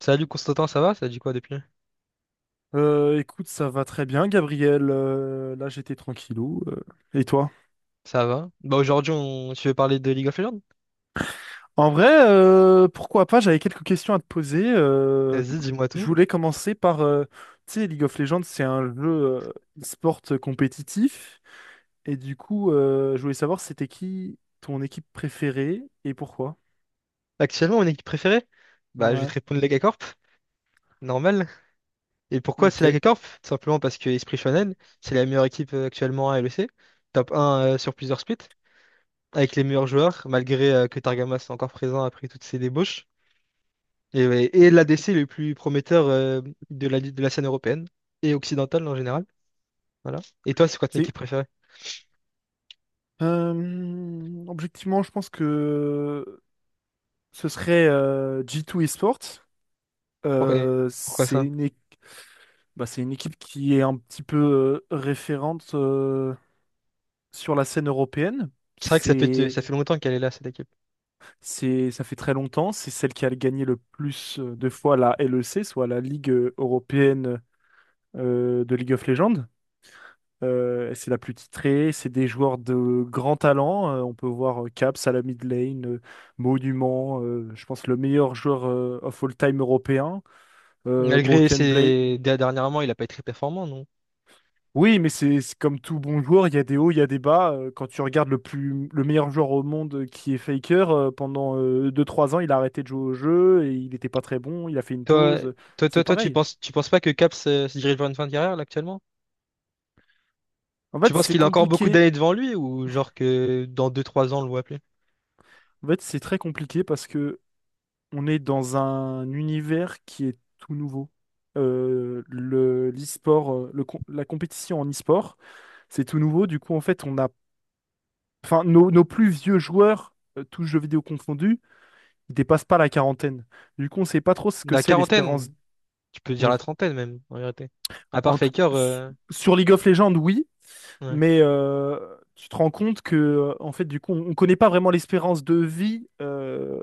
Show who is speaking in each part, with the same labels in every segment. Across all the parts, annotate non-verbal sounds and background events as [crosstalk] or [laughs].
Speaker 1: Salut Constantin, ça va? Ça a dit quoi depuis?
Speaker 2: Écoute, ça va très bien, Gabriel. Là, j'étais tranquillou. Et toi?
Speaker 1: Ça va. Bah aujourd'hui, tu veux parler de League of Legends?
Speaker 2: En vrai, pourquoi pas? J'avais quelques questions à te poser.
Speaker 1: Vas-y, dis-moi
Speaker 2: Je
Speaker 1: tout.
Speaker 2: voulais commencer par, tu sais, League of Legends, c'est un jeu e-sport compétitif. Et du coup, je voulais savoir c'était qui ton équipe préférée et pourquoi.
Speaker 1: Actuellement, mon équipe préférée? Bah je vais te
Speaker 2: Ouais.
Speaker 1: répondre Lega Corp. [laughs] Normal. Et pourquoi
Speaker 2: Ok.
Speaker 1: c'est LegaCorp? Tout simplement parce que Esprit Shonen, c'est la meilleure équipe actuellement à LEC, top 1 sur plusieurs splits, avec les meilleurs joueurs, malgré que Targama soit encore présent après toutes ses débauches. Et, ouais, et l'ADC le plus prometteur de la scène européenne et occidentale en général. Voilà. Et toi, c'est quoi ton
Speaker 2: C'est
Speaker 1: équipe préférée?
Speaker 2: objectivement, je pense que ce serait G2 Esports.
Speaker 1: Pour- et Pourquoi
Speaker 2: C'est
Speaker 1: ça?
Speaker 2: une équipe. Bah, c'est une équipe qui est un petit peu référente sur la scène européenne.
Speaker 1: C'est vrai que ça fait,
Speaker 2: C'est,
Speaker 1: ça fait longtemps qu'elle est là, cette équipe.
Speaker 2: Ça fait très longtemps. C'est celle qui a gagné le plus de fois la LEC, soit la Ligue européenne de League of Legends. C'est la plus titrée. C'est des joueurs de grand talent. On peut voir Caps à la mid lane, Monument. Je pense le meilleur joueur of all time européen. Broken Blade.
Speaker 1: Dernièrement, il a pas été très performant, non?
Speaker 2: Oui, mais c'est comme tout bon joueur, il y a des hauts, il y a des bas. Quand tu regardes le meilleur joueur au monde qui est Faker, pendant 2 3 ans, il a arrêté de jouer au jeu et il n'était pas très bon, il a fait une
Speaker 1: Toi,
Speaker 2: pause.
Speaker 1: toi,
Speaker 2: C'est
Speaker 1: toi, toi, tu
Speaker 2: pareil.
Speaker 1: penses, tu penses pas que Cap se dirige vers une fin de carrière, là, actuellement?
Speaker 2: En
Speaker 1: Tu
Speaker 2: fait,
Speaker 1: penses
Speaker 2: c'est
Speaker 1: qu'il a encore beaucoup
Speaker 2: compliqué.
Speaker 1: d'années devant lui ou genre que dans 2-3 ans, on le voit appeler?
Speaker 2: En fait, c'est très compliqué parce que on est dans un univers qui est tout nouveau. Le l'e-sport, la compétition en e-sport, c'est tout nouveau. Du coup, en fait, on a, enfin, nos plus vieux joueurs, tous jeux vidéo confondus. Ils dépassent pas la quarantaine. Du coup, on sait pas trop ce que
Speaker 1: La
Speaker 2: c'est l'espérance.
Speaker 1: quarantaine, tu peux dire la
Speaker 2: Oui.
Speaker 1: trentaine même, en vérité. À part
Speaker 2: En tout...
Speaker 1: Faker,
Speaker 2: s- Sur League of Legends, oui,
Speaker 1: ouais.
Speaker 2: mais tu te rends compte que, en fait, du coup, on connaît pas vraiment l'espérance de vie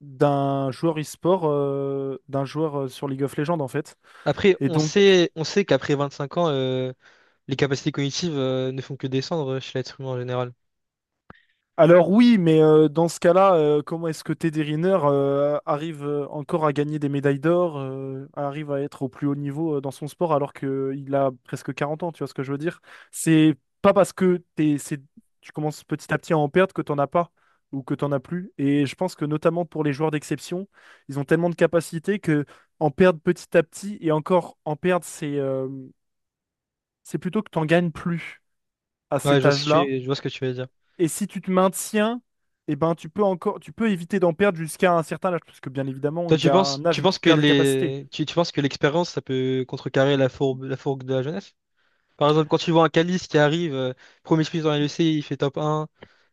Speaker 2: d'un joueur e-sport, d'un joueur sur League of Legends, en fait.
Speaker 1: Après,
Speaker 2: Et
Speaker 1: on
Speaker 2: donc,
Speaker 1: sait, on sait qu'après 25 ans, les capacités cognitives, ne font que descendre chez l'être humain en général.
Speaker 2: alors oui, mais dans ce cas-là, comment est-ce que Teddy Riner arrive encore à gagner des médailles d'or, arrive à être au plus haut niveau dans son sport alors qu'il a presque 40 ans, tu vois ce que je veux dire? C'est pas parce que tu commences petit à petit à en perdre que t'en as pas ou que t'en as plus. Et je pense que notamment pour les joueurs d'exception, ils ont tellement de capacités que en perdre petit à petit et encore en perdre, c'est plutôt que t'en gagnes plus à
Speaker 1: Ouais, je
Speaker 2: cet
Speaker 1: vois ce que
Speaker 2: âge-là,
Speaker 1: tu, je vois ce que tu veux dire.
Speaker 2: et si tu te maintiens, eh ben, tu peux éviter d'en perdre jusqu'à un certain âge, parce que bien évidemment,
Speaker 1: Toi,
Speaker 2: il y a un
Speaker 1: tu
Speaker 2: âge où
Speaker 1: penses
Speaker 2: tu
Speaker 1: que
Speaker 2: perds des capacités.
Speaker 1: les, tu penses que l'expérience, ça peut contrecarrer la fourbe, la fourgue de la jeunesse? Par exemple, quand tu vois un Calice qui arrive, premier sprint dans l'UFC, il fait top 1,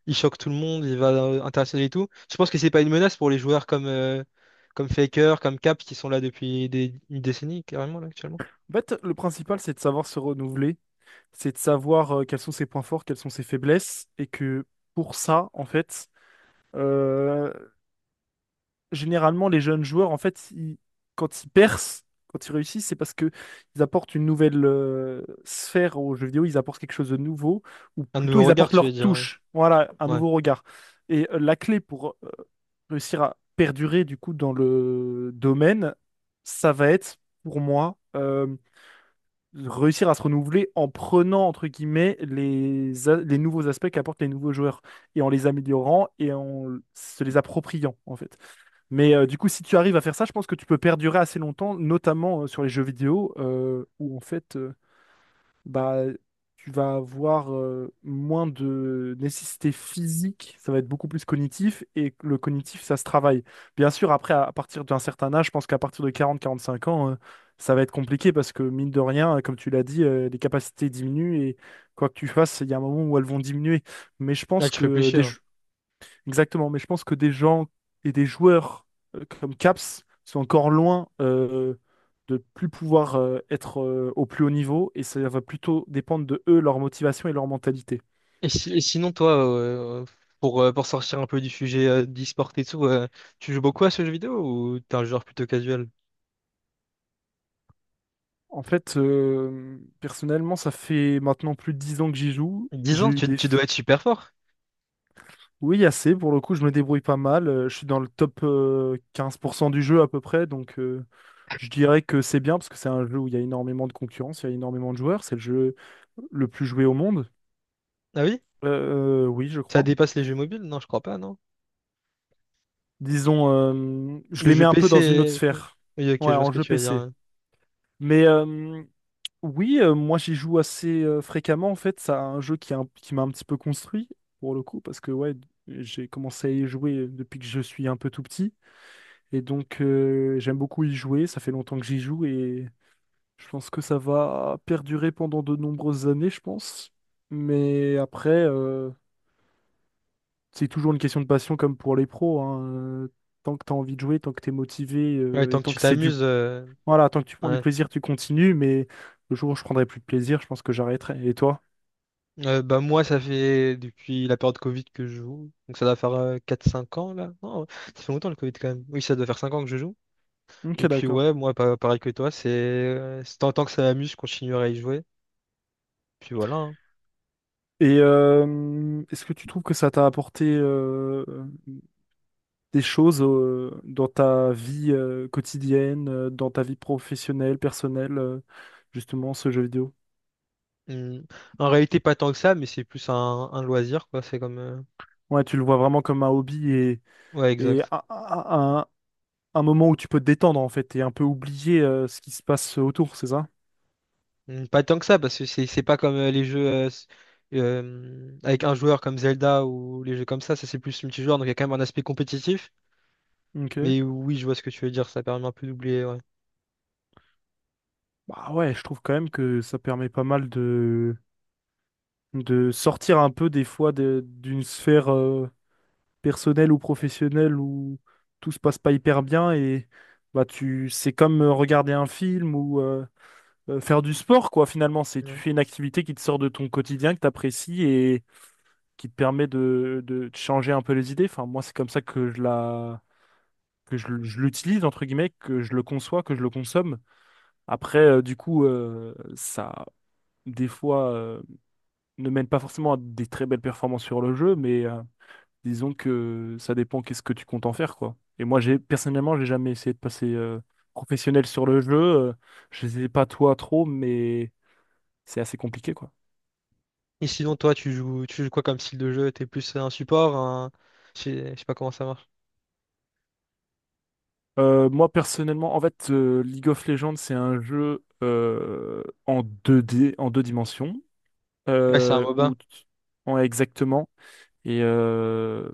Speaker 1: il choque tout le monde, il va international et tout. Je pense que c'est pas une menace pour les joueurs comme Faker, comme Cap, qui sont là depuis une décennie, carrément, là, actuellement.
Speaker 2: En fait, le principal, c'est de savoir se renouveler, c'est de savoir quels sont ses points forts, quelles sont ses faiblesses, et que pour ça, en fait, euh, généralement, les jeunes joueurs, en fait, quand ils percent, quand ils réussissent, c'est parce que ils apportent une nouvelle sphère aux jeux vidéo, ils apportent quelque chose de nouveau, ou
Speaker 1: Un
Speaker 2: plutôt
Speaker 1: nouveau
Speaker 2: ils
Speaker 1: regard,
Speaker 2: apportent
Speaker 1: tu
Speaker 2: leur
Speaker 1: veux dire, ouais.
Speaker 2: touche, voilà, un
Speaker 1: Ouais.
Speaker 2: nouveau regard. Et la clé pour réussir à perdurer, du coup, dans le domaine, ça va être, pour moi, réussir à se renouveler en prenant, entre guillemets, les nouveaux aspects qu'apportent les nouveaux joueurs, et en les améliorant et en se les appropriant, en fait. Mais du coup, si tu arrives à faire ça, je pense que tu peux perdurer assez longtemps, notamment sur les jeux vidéo, où en fait, bah, tu vas avoir moins de nécessité physique, ça va être beaucoup plus cognitif, et le cognitif, ça se travaille. Bien sûr, après, à partir d'un certain âge, je pense qu'à partir de 40-45 ans, ça va être compliqué parce que, mine de rien, comme tu l'as dit, les capacités diminuent, et quoi que tu fasses, il y a un moment où elles vont diminuer. Mais je
Speaker 1: Là,
Speaker 2: pense
Speaker 1: tu peux plus
Speaker 2: que
Speaker 1: chier.
Speaker 2: des, jeux- Exactement, mais je pense que des gens et des joueurs comme Caps sont encore loin de plus pouvoir être au plus haut niveau et ça va plutôt dépendre de eux, leur motivation et leur mentalité.
Speaker 1: Et, si- et sinon, toi, pour sortir un peu du sujet d'e-sport et tout, tu joues beaucoup à ce jeu vidéo ou t'es un joueur plutôt casual?
Speaker 2: En fait, personnellement, ça fait maintenant plus de 10 ans que j'y joue.
Speaker 1: dix
Speaker 2: J'ai
Speaker 1: ans,
Speaker 2: eu
Speaker 1: tu,
Speaker 2: des...
Speaker 1: tu
Speaker 2: f-
Speaker 1: dois être super fort.
Speaker 2: Oui, assez, pour le coup, je me débrouille pas mal. Je suis dans le top 15% du jeu à peu près, donc je dirais que c'est bien parce que c'est un jeu où il y a énormément de concurrence, il y a énormément de joueurs, c'est le jeu le plus joué au monde.
Speaker 1: Ah oui?
Speaker 2: Oui, je
Speaker 1: Ça
Speaker 2: crois.
Speaker 1: dépasse les jeux mobiles? Non, je crois pas, non.
Speaker 2: Disons, je
Speaker 1: Le
Speaker 2: les mets
Speaker 1: jeu
Speaker 2: un peu dans une autre
Speaker 1: PC.
Speaker 2: sphère.
Speaker 1: Oui, ok, je
Speaker 2: Ouais,
Speaker 1: vois ce
Speaker 2: en
Speaker 1: que
Speaker 2: jeu
Speaker 1: tu veux dire.
Speaker 2: PC.
Speaker 1: Hein.
Speaker 2: Mais oui, moi j'y joue assez fréquemment en fait. C'est un jeu qui m'a un petit peu construit pour le coup parce que ouais, j'ai commencé à y jouer depuis que je suis un peu tout petit et donc j'aime beaucoup y jouer. Ça fait longtemps que j'y joue et je pense que ça va perdurer pendant de nombreuses années, je pense. Mais après. C'est toujours une question de passion comme pour les pros, hein. Euh, Tant que tu as envie de jouer, tant que tu es motivé,
Speaker 1: Ouais, tant
Speaker 2: et
Speaker 1: que
Speaker 2: tant
Speaker 1: tu
Speaker 2: que c'est du...
Speaker 1: t'amuses.
Speaker 2: Voilà, tant que tu prends du
Speaker 1: Ouais.
Speaker 2: plaisir, tu continues, mais le jour où je prendrai plus de plaisir, je pense que j'arrêterai. Et toi?
Speaker 1: Bah, moi, ça fait depuis la période Covid que je joue. Donc, ça doit faire 4-5 ans, là. Non, ça fait longtemps le Covid quand même. Oui, ça doit faire 5 ans que je joue.
Speaker 2: Ok,
Speaker 1: Et puis,
Speaker 2: d'accord.
Speaker 1: ouais, moi, pareil que toi, c'est tant que ça m'amuse, je continuerai à y jouer. Puis voilà. Hein.
Speaker 2: Et est-ce que tu trouves que ça t'a apporté des choses dans ta vie quotidienne, dans ta vie professionnelle, personnelle, justement, ce jeu vidéo?
Speaker 1: Hum. En réalité, pas tant que ça, mais c'est plus un loisir, quoi. C'est comme.
Speaker 2: Ouais, tu le vois vraiment comme un hobby
Speaker 1: Ouais,
Speaker 2: et
Speaker 1: exact.
Speaker 2: un moment où tu peux te détendre en fait et un peu oublier ce qui se passe autour, c'est ça?
Speaker 1: Pas tant que ça, parce que c'est pas comme les jeux avec un joueur comme Zelda ou les jeux comme ça c'est plus multijoueur, donc il y a quand même un aspect compétitif.
Speaker 2: Ok.
Speaker 1: Mais oui, je vois ce que tu veux dire, ça permet un peu d'oublier, ouais.
Speaker 2: Bah ouais, je trouve quand même que ça permet pas mal de sortir un peu des fois d'une sphère personnelle ou professionnelle où tout se passe pas hyper bien et bah tu c'est comme regarder un film ou faire du sport quoi finalement, c'est tu
Speaker 1: Ouais.
Speaker 2: fais une activité qui te sort de ton quotidien, que t'apprécies et qui te permet de te changer un peu les idées. Enfin moi c'est comme ça que je l'utilise, entre guillemets, que je le conçois, que je le consomme. Après, du coup, ça, des fois, ne mène pas forcément à des très belles performances sur le jeu, mais disons que ça dépend qu'est-ce que tu comptes en faire, quoi. Et moi, personnellement, j'ai jamais essayé de passer professionnel sur le jeu. Je sais pas toi trop, mais c'est assez compliqué, quoi.
Speaker 1: Et sinon, toi, tu joues quoi comme style de jeu? T'es plus un support, un. Je sais pas comment ça marche.
Speaker 2: Moi personnellement, en fait, League of Legends, c'est un jeu en deux dimensions.
Speaker 1: Ouais, c'est un
Speaker 2: euh,
Speaker 1: MOBA.
Speaker 2: où t- En exactement. Et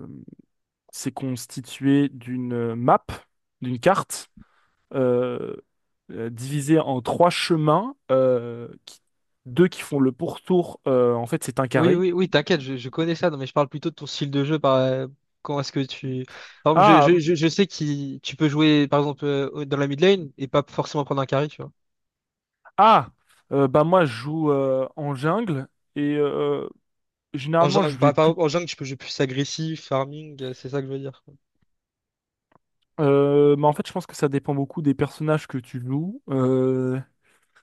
Speaker 2: c'est constitué d'une d'une carte, euh, divisée en trois chemins, deux qui font le pourtour. En fait, c'est un
Speaker 1: Oui,
Speaker 2: carré.
Speaker 1: oui, oui, t'inquiète, je connais ça, non, mais je parle plutôt de ton style de jeu, Comment est-ce que tu. Par exemple, je,
Speaker 2: Ah,
Speaker 1: je,
Speaker 2: m-
Speaker 1: je, je sais que tu peux jouer, par exemple, dans la mid lane et pas forcément prendre un carry, tu vois.
Speaker 2: ah, Bah moi je joue en jungle et
Speaker 1: En
Speaker 2: généralement je
Speaker 1: jungle,
Speaker 2: vais
Speaker 1: par,
Speaker 2: plus.
Speaker 1: par- en jungle, tu peux jouer plus agressif, farming, c'est ça que je veux dire, quoi.
Speaker 2: Mais en fait, je pense que ça dépend beaucoup des personnages que tu joues.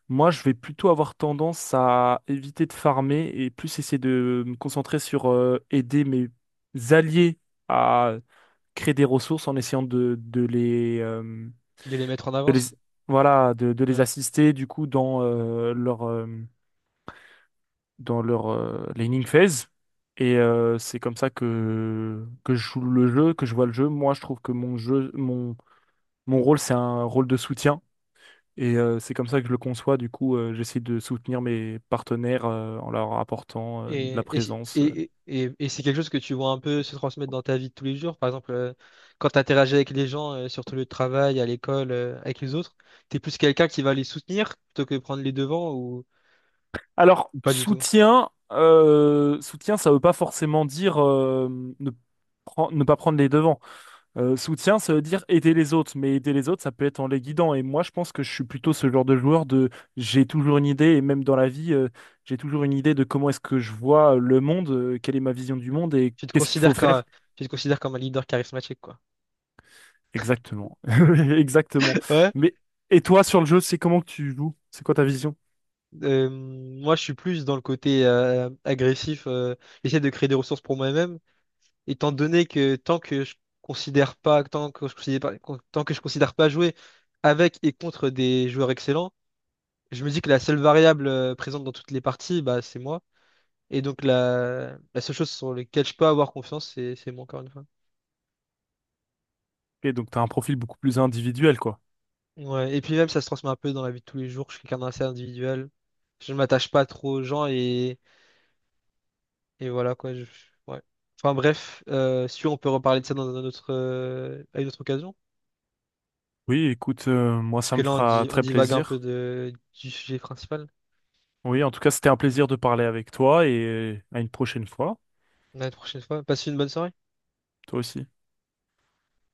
Speaker 2: Moi, je vais plutôt avoir tendance à éviter de farmer et plus essayer de me concentrer sur aider mes alliés à créer des ressources en essayant de les,
Speaker 1: De les mettre en
Speaker 2: de les-
Speaker 1: avance.
Speaker 2: voilà, de les
Speaker 1: Ouais.
Speaker 2: assister du coup dans dans leur laning phase. Et c'est comme ça que je joue le jeu, que je vois le jeu. Moi, je trouve que mon jeu, mon rôle, c'est un rôle de soutien. Et c'est comme ça que je le conçois. Du coup, j'essaie de soutenir mes partenaires en leur apportant de la
Speaker 1: Et, si,
Speaker 2: présence.
Speaker 1: et- c'est quelque chose que tu vois un peu se transmettre dans ta vie de tous les jours. Par exemple, quand tu interagis avec les gens sur ton lieu de travail, à l'école, avec les autres, tu es plus quelqu'un qui va les soutenir plutôt que prendre les devants ou,
Speaker 2: Alors,
Speaker 1: ou pas du tout.
Speaker 2: soutien, ça veut pas forcément dire ne, ne pas prendre les devants. Soutien, ça veut dire aider les autres. Mais aider les autres, ça peut être en les guidant. Et moi, je pense que je suis plutôt ce genre de joueur de j'ai toujours une idée, et même dans la vie, j'ai toujours une idée de comment est-ce que je vois le monde, quelle est ma vision du monde et
Speaker 1: Tu te
Speaker 2: qu'est-ce qu'il faut
Speaker 1: considères comme,
Speaker 2: faire.
Speaker 1: tu te considères comme un leader charismatique, quoi.
Speaker 2: Exactement. [laughs] Exactement.
Speaker 1: [laughs] Ouais.
Speaker 2: Mais et toi sur le jeu, c'est comment que tu joues? C'est quoi ta vision?
Speaker 1: Moi, je suis plus dans le côté agressif, j'essaie de créer des ressources pour moi-même. Étant donné que considère pas, tant que je considère pas, tant que je considère pas jouer avec et contre des joueurs excellents, je me dis que la seule variable présente dans toutes les parties, bah, c'est moi. Et donc la seule chose sur laquelle je peux avoir confiance, c'est moi encore une fois.
Speaker 2: Et donc t'as un profil beaucoup plus individuel, quoi.
Speaker 1: Ouais. Et puis même ça se transmet un peu dans la vie de tous les jours. Je suis quelqu'un d'assez individuel. Je ne m'attache pas trop aux gens et voilà quoi. Ouais. Enfin bref, si on peut reparler de ça à une autre occasion.
Speaker 2: Oui, écoute, moi
Speaker 1: Parce
Speaker 2: ça
Speaker 1: que
Speaker 2: me
Speaker 1: là,
Speaker 2: fera
Speaker 1: on
Speaker 2: très
Speaker 1: divague un peu
Speaker 2: plaisir.
Speaker 1: du sujet principal.
Speaker 2: Oui, en tout cas, c'était un plaisir de parler avec toi et à une prochaine fois.
Speaker 1: La prochaine fois. Passez une bonne soirée.
Speaker 2: Toi aussi.